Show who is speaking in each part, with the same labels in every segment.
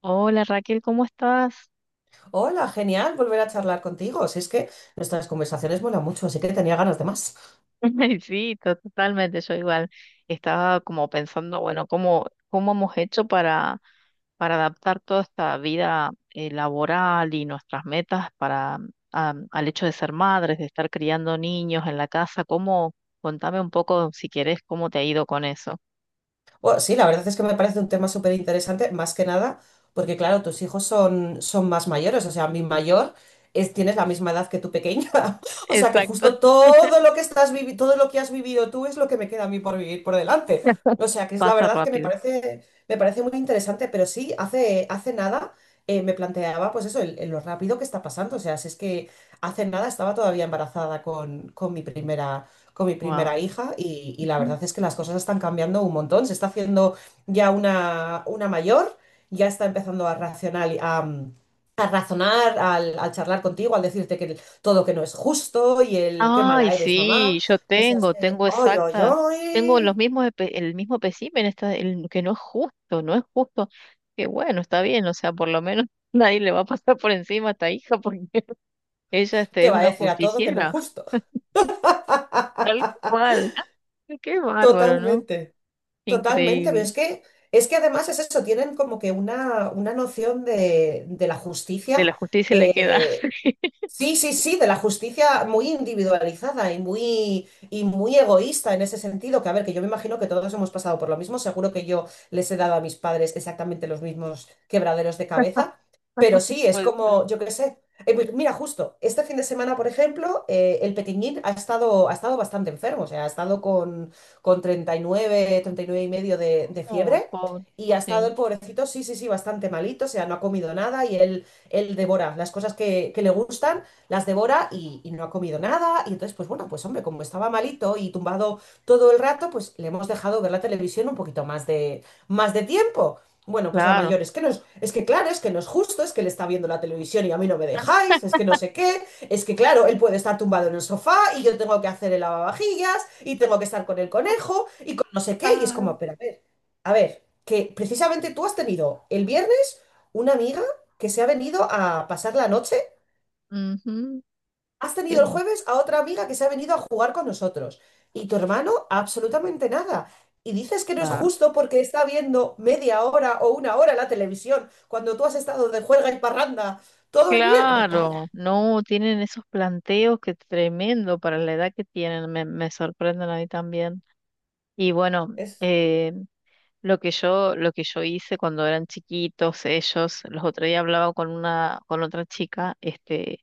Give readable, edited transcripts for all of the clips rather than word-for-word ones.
Speaker 1: Hola Raquel, ¿cómo estás?
Speaker 2: Hola, genial volver a charlar contigo. Si es que nuestras conversaciones vuelan mucho, así que tenía ganas de más.
Speaker 1: Sí, totalmente, yo igual estaba como pensando, bueno, ¿cómo hemos hecho para adaptar toda esta vida laboral y nuestras metas para, al hecho de ser madres, de estar criando niños en la casa? ¿Cómo? Contame un poco, si querés, cómo te ha ido con eso.
Speaker 2: Bueno, sí, la verdad es que me parece un tema súper interesante, más que nada, porque claro, tus hijos son más mayores, o sea, mi mayor es, tienes la misma edad que tu pequeña, o sea, que
Speaker 1: Exacto.
Speaker 2: justo todo lo que todo lo que has vivido tú es lo que me queda a mí por vivir por delante. O sea, que es la
Speaker 1: Pasa
Speaker 2: verdad que me
Speaker 1: rápido.
Speaker 2: parece, me parece muy interesante, pero sí, hace nada me planteaba, pues eso, el lo rápido que está pasando, o sea, si es que hace nada estaba todavía embarazada con mi primera
Speaker 1: Wow.
Speaker 2: hija y la verdad es que las cosas están cambiando un montón. Se está haciendo ya una mayor, ya está empezando a racional, a, mm, a razonar, al charlar contigo, al decirte que todo que no es justo y el qué
Speaker 1: Ay,
Speaker 2: mala eres, mamá.
Speaker 1: sí,
Speaker 2: O sea, es que,
Speaker 1: tengo
Speaker 2: ¡ay, ay,
Speaker 1: exacta, tengo los
Speaker 2: ay!
Speaker 1: mismos, el mismo espécimen, está, el, que no es justo, no es justo, que bueno, está bien, o sea, por lo menos nadie le va a pasar por encima a esta hija porque ella este,
Speaker 2: Te
Speaker 1: es
Speaker 2: va a
Speaker 1: una
Speaker 2: decir a todo que no es
Speaker 1: justiciera,
Speaker 2: justo.
Speaker 1: tal cual. Qué bárbaro, ¿no?
Speaker 2: Totalmente, totalmente, pero
Speaker 1: Increíble,
Speaker 2: es que además es eso, tienen como que una noción de la
Speaker 1: de
Speaker 2: justicia
Speaker 1: la justicia le queda.
Speaker 2: eh, sí, sí, sí, de la justicia muy individualizada y muy egoísta en ese sentido, que a ver, que yo me imagino que todos hemos pasado por lo mismo, seguro que yo les he dado a mis padres exactamente los mismos quebraderos de cabeza, pero sí, es
Speaker 1: Pues,
Speaker 2: como, yo qué sé, pues mira, justo, este fin de semana, por ejemplo, el Petiñín ha estado bastante enfermo, o sea, ha estado con 39, 39 y nueve y medio de
Speaker 1: no,
Speaker 2: fiebre.
Speaker 1: pobre,
Speaker 2: Y ha estado
Speaker 1: sí,
Speaker 2: el pobrecito, sí, sí, sí, bastante malito, o sea, no ha comido nada y él devora las cosas que le gustan, las devora y no ha comido nada. Y entonces, pues bueno, pues hombre, como estaba malito y tumbado todo el rato, pues le hemos dejado ver la televisión un poquito más de tiempo. Bueno, pues la
Speaker 1: claro,
Speaker 2: mayor es que no es, es que claro, es que no es justo, es que él está viendo la televisión y a mí no me dejáis, es que no sé qué, es que claro, él puede estar tumbado en el sofá y yo tengo que hacer el lavavajillas y tengo que estar con el conejo y con no sé qué, y es
Speaker 1: ah,
Speaker 2: como, pero a ver, que precisamente tú has tenido el viernes una amiga que se ha venido a pasar la noche.
Speaker 1: ujú,
Speaker 2: Has
Speaker 1: qué
Speaker 2: tenido el
Speaker 1: bueno.
Speaker 2: jueves a otra amiga que se ha venido a jugar con nosotros. Y tu hermano, absolutamente nada. Y dices que no es
Speaker 1: Ah.
Speaker 2: justo porque está viendo media hora o una hora la televisión cuando tú has estado de juerga y parranda todo el viernes. Me calla.
Speaker 1: Claro, no, tienen esos planteos que tremendo para la edad que tienen, me sorprenden a mí también. Y bueno,
Speaker 2: Es
Speaker 1: eh, lo que yo hice cuando eran chiquitos, ellos, los otros días hablaba con una, con otra chica, este,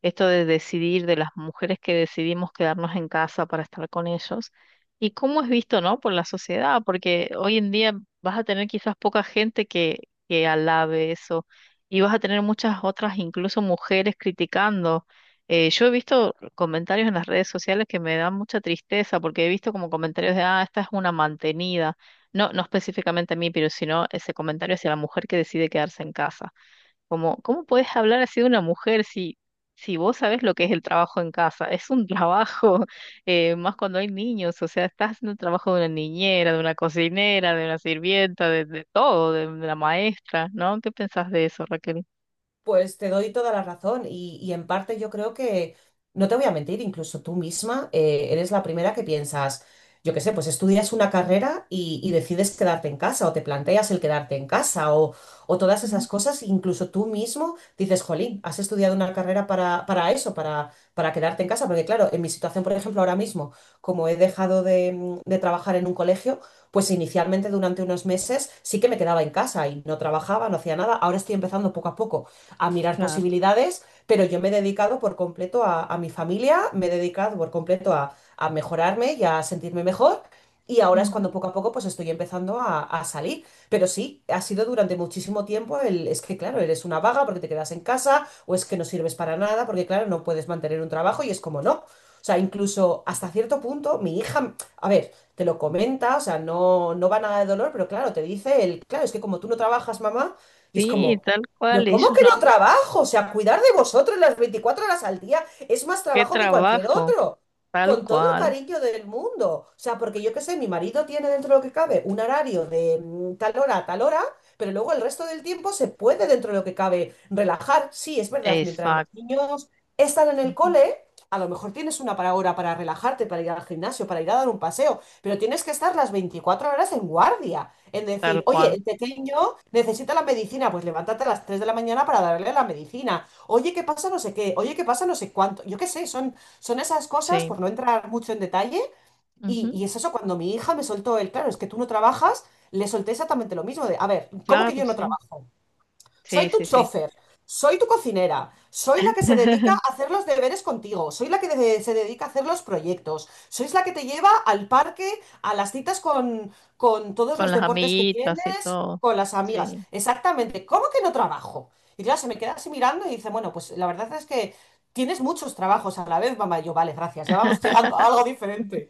Speaker 1: esto de decidir, de las mujeres que decidimos quedarnos en casa para estar con ellos, y cómo es visto, ¿no?, por la sociedad, porque hoy en día vas a tener quizás poca gente que alabe eso, y vas a tener muchas otras, incluso mujeres criticando. Yo he visto comentarios en las redes sociales que me dan mucha tristeza, porque he visto como comentarios de, ah, esta es una mantenida. No, no específicamente a mí, pero sino ese comentario hacia la mujer que decide quedarse en casa. Como, ¿cómo puedes hablar así de una mujer si, si vos sabés lo que es el trabajo en casa? Es un trabajo, más cuando hay niños, o sea, estás haciendo el trabajo de una niñera, de una cocinera, de una sirvienta, de todo, de la maestra, ¿no? ¿Qué pensás de eso, Raquel?
Speaker 2: Pues te doy toda la razón y en parte yo creo que, no te voy a mentir, incluso tú misma eres la primera que piensas, yo qué sé, pues estudias una carrera y decides quedarte en casa o te planteas el quedarte en casa o todas
Speaker 1: Mm.
Speaker 2: esas cosas, incluso tú mismo dices, jolín, has estudiado una carrera para eso, para quedarte en casa, porque claro, en mi situación, por ejemplo, ahora mismo, como he dejado de trabajar en un colegio, pues inicialmente durante unos meses sí que me quedaba en casa y no trabajaba, no hacía nada, ahora estoy empezando poco a poco a mirar
Speaker 1: Claro.
Speaker 2: posibilidades, pero yo me he dedicado por completo a mi familia, me he dedicado por completo a mejorarme y a sentirme mejor. Y ahora es cuando
Speaker 1: Ujú.
Speaker 2: poco a poco pues estoy empezando a salir. Pero sí, ha sido durante muchísimo tiempo el, es que claro, eres una vaga porque te quedas en casa o es que no sirves para nada porque claro, no puedes mantener un trabajo y es como no. O sea, incluso hasta cierto punto, mi hija, a ver, te lo comenta, o sea, no, no va nada de dolor, pero claro, te dice el, claro, es que como tú no trabajas, mamá, y es
Speaker 1: Sí,
Speaker 2: como,
Speaker 1: tal
Speaker 2: pero
Speaker 1: cual,
Speaker 2: ¿cómo
Speaker 1: ellos
Speaker 2: que
Speaker 1: no,
Speaker 2: no trabajo? O sea, cuidar de vosotros las 24 horas al día es más
Speaker 1: qué
Speaker 2: trabajo que cualquier
Speaker 1: trabajo,
Speaker 2: otro.
Speaker 1: tal
Speaker 2: Con todo el
Speaker 1: cual,
Speaker 2: cariño del mundo. O sea, porque yo qué sé, mi marido tiene dentro de lo que cabe un horario de tal hora a tal hora, pero luego el resto del tiempo se puede dentro de lo que cabe relajar. Sí, es verdad, mientras los
Speaker 1: exacto,
Speaker 2: niños están en el
Speaker 1: ujú.
Speaker 2: cole, a lo mejor tienes una para hora para relajarte, para ir al gimnasio, para ir a dar un paseo, pero tienes que estar las 24 horas en guardia. En
Speaker 1: Tal
Speaker 2: decir, oye,
Speaker 1: cual,
Speaker 2: el pequeño necesita la medicina, pues levántate a las 3 de la mañana para darle la medicina. Oye, ¿qué pasa? No sé qué. Oye, ¿qué pasa? No sé cuánto. Yo qué sé, son esas cosas,
Speaker 1: sí,
Speaker 2: por no entrar mucho en detalle. Y,
Speaker 1: ujú.
Speaker 2: y es eso, cuando mi hija me soltó el, claro, es que tú no trabajas, le solté exactamente lo mismo de, a ver, ¿cómo que
Speaker 1: Claro,
Speaker 2: yo no
Speaker 1: sí.
Speaker 2: trabajo?
Speaker 1: Sí,
Speaker 2: Soy tu
Speaker 1: sí, sí.
Speaker 2: chofer, soy tu cocinera, soy la que se dedica a hacer los deberes contigo, soy la que se dedica a hacer los proyectos, sois la que te lleva al parque, a las citas con todos
Speaker 1: Con
Speaker 2: los
Speaker 1: las
Speaker 2: deportes que
Speaker 1: amiguitas y
Speaker 2: tienes,
Speaker 1: todo.
Speaker 2: con las amigas.
Speaker 1: Sí.
Speaker 2: Exactamente, ¿cómo que no trabajo? Y claro, se me queda así mirando y dice, bueno, pues la verdad es que tienes muchos trabajos a la vez, mamá. Y yo, vale, gracias, ya vamos llegando a algo diferente.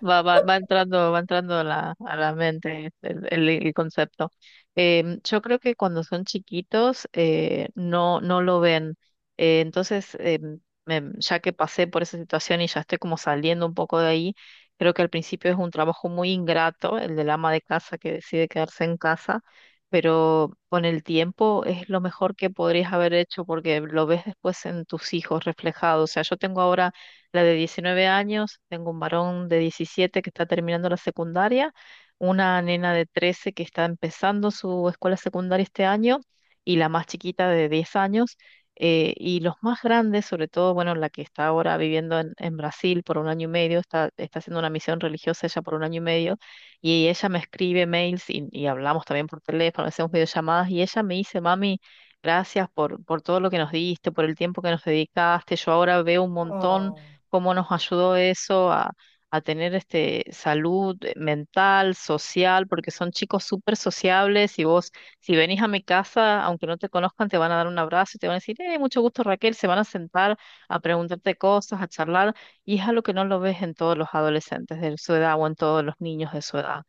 Speaker 1: Va, va, va entrando a la mente el, el concepto. Yo creo que cuando son chiquitos no, no lo ven. Entonces, ya que pasé por esa situación y ya estoy como saliendo un poco de ahí, creo que al principio es un trabajo muy ingrato, el del ama de casa que decide quedarse en casa, pero con el tiempo es lo mejor que podrías haber hecho porque lo ves después en tus hijos reflejado. O sea, yo tengo ahora la de 19 años, tengo un varón de 17 que está terminando la secundaria, una nena de 13 que está empezando su escuela secundaria este año y la más chiquita de 10 años. Y los más grandes, sobre todo, bueno, la que está ahora viviendo en Brasil por un año y medio, está, está haciendo una misión religiosa ella por un año y medio, y ella me escribe mails y hablamos también por teléfono, hacemos videollamadas, y ella me dice, mami, gracias por todo lo que nos diste, por el tiempo que nos dedicaste, yo ahora veo un montón
Speaker 2: Ah.
Speaker 1: cómo nos ayudó eso a tener este salud mental, social, porque son chicos súper sociables y vos, si venís a mi casa, aunque no te conozcan, te van a dar un abrazo y te van a decir, mucho gusto Raquel, se van a sentar a preguntarte cosas, a charlar, y es algo que no lo ves en todos los adolescentes de su edad o en todos los niños de su edad.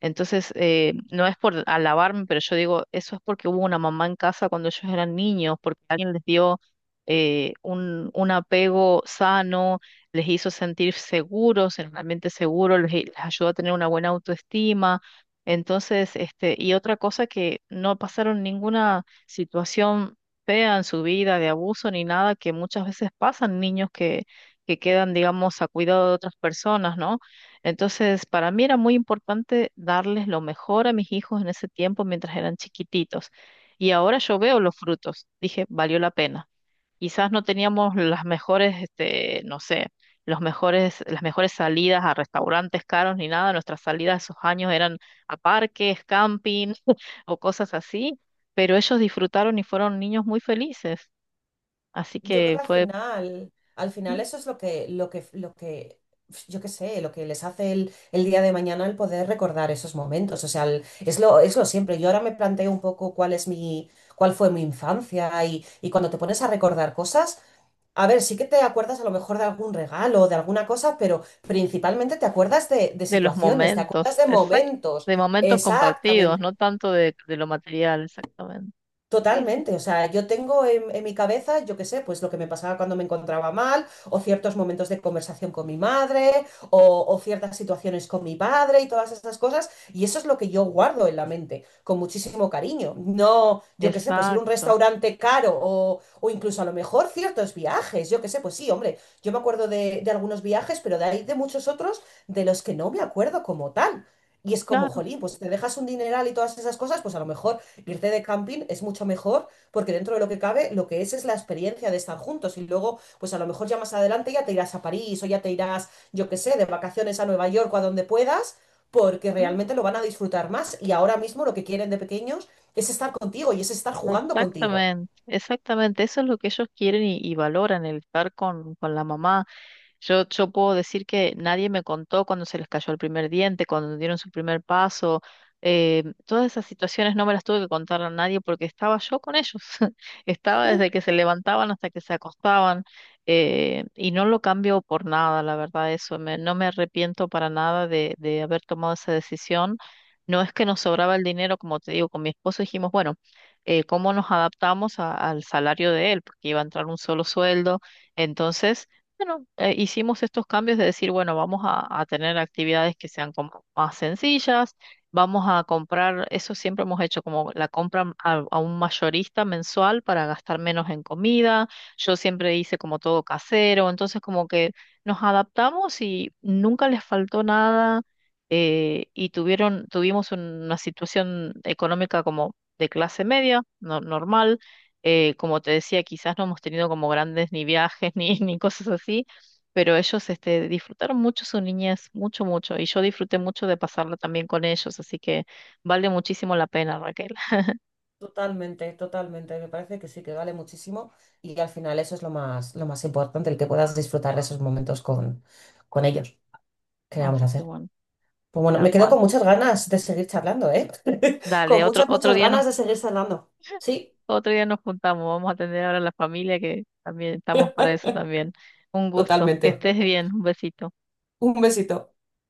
Speaker 1: Entonces, no es por alabarme, pero yo digo, eso es porque hubo una mamá en casa cuando ellos eran niños, porque alguien les dio un apego sano, les hizo sentir seguros, en un ambiente seguro, les ayudó a tener una buena autoestima. Entonces, este, y otra cosa que no pasaron ninguna situación fea en su vida, de abuso ni nada, que muchas veces pasan niños que quedan, digamos, a cuidado de otras personas, ¿no? Entonces, para mí era muy importante darles lo mejor a mis hijos en ese tiempo mientras eran chiquititos. Y ahora yo veo los frutos. Dije, valió la pena. Quizás no teníamos las mejores, este, no sé, los mejores, las mejores salidas a restaurantes caros ni nada. Nuestras salidas esos años eran a parques, camping o cosas así. Pero ellos disfrutaron y fueron niños muy felices. Así
Speaker 2: Yo creo
Speaker 1: que
Speaker 2: que
Speaker 1: fue
Speaker 2: al final
Speaker 1: mm,
Speaker 2: eso es lo que, yo qué sé, lo que les hace el día de mañana el poder recordar esos momentos. O sea, es lo siempre. Yo ahora me planteo un poco cuál fue mi infancia y cuando te pones a recordar cosas, a ver, sí que te acuerdas a lo mejor de algún regalo o de alguna cosa, pero principalmente te acuerdas de
Speaker 1: de los
Speaker 2: situaciones, te acuerdas
Speaker 1: momentos,
Speaker 2: de
Speaker 1: exacto,
Speaker 2: momentos.
Speaker 1: de momentos compartidos, no
Speaker 2: Exactamente.
Speaker 1: tanto de lo material, exactamente. Sí, sí,
Speaker 2: Totalmente, o sea, yo tengo en mi cabeza, yo qué sé, pues lo que me pasaba cuando me encontraba mal, o ciertos momentos de conversación con mi madre, o ciertas situaciones con mi padre y todas esas cosas, y eso es lo que yo guardo en la mente, con muchísimo cariño. No, yo qué sé, pues ir a un
Speaker 1: exacto,
Speaker 2: restaurante caro, o incluso a lo mejor ciertos viajes, yo qué sé, pues sí, hombre, yo me acuerdo de algunos viajes, pero de ahí de muchos otros de los que no me acuerdo como tal. Y es como,
Speaker 1: claro.
Speaker 2: jolín, pues te dejas un dineral y todas esas cosas, pues a lo mejor irte de camping es mucho mejor porque dentro de lo que cabe, lo que es la experiencia de estar juntos y luego, pues a lo mejor ya más adelante ya te irás a París o ya te irás, yo qué sé, de vacaciones a Nueva York o a donde puedas, porque realmente lo van a disfrutar más y ahora mismo lo que quieren de pequeños es estar contigo y es estar jugando contigo.
Speaker 1: Exactamente, exactamente. Eso es lo que ellos quieren y valoran, el estar con la mamá. Yo puedo decir que nadie me contó cuando se les cayó el primer diente, cuando dieron su primer paso. Todas esas situaciones no me las tuve que contar a nadie porque estaba yo con ellos. Estaba
Speaker 2: Mm.
Speaker 1: desde que se levantaban hasta que se acostaban. Y no lo cambio por nada, la verdad, eso. No me arrepiento para nada de, de haber tomado esa decisión. No es que nos sobraba el dinero, como te digo, con mi esposo dijimos, bueno, cómo nos adaptamos al salario de él, porque iba a entrar un solo sueldo. Entonces, bueno, hicimos estos cambios de decir, bueno, vamos a tener actividades que sean como más sencillas, vamos a comprar, eso siempre hemos hecho, como la compra a un mayorista mensual para gastar menos en comida. Yo siempre hice como todo casero, entonces como que nos adaptamos y nunca les faltó nada. Y tuvieron, tuvimos una situación económica como de clase media, normal. Como te decía, quizás no hemos tenido como grandes ni viajes ni, ni cosas así, pero ellos este, disfrutaron mucho su niñez, mucho, mucho, y yo disfruté mucho de pasarla también con ellos, así que vale muchísimo la pena, Raquel.
Speaker 2: Totalmente, totalmente. Me parece que sí, que vale muchísimo y al final eso es lo más importante, el que puedas disfrutar de esos momentos con ellos. ¿Qué le vamos a
Speaker 1: Así que
Speaker 2: hacer?
Speaker 1: bueno,
Speaker 2: Pues bueno, me
Speaker 1: tal
Speaker 2: quedo
Speaker 1: cual.
Speaker 2: con muchas ganas de seguir charlando, ¿eh?
Speaker 1: Dale,
Speaker 2: Con
Speaker 1: otro,
Speaker 2: muchas, muchas ganas de seguir charlando. Sí,
Speaker 1: otro día nos juntamos, vamos a atender ahora a la familia que también estamos para eso también. Un gusto, que
Speaker 2: totalmente.
Speaker 1: estés bien, un besito.
Speaker 2: Un besito.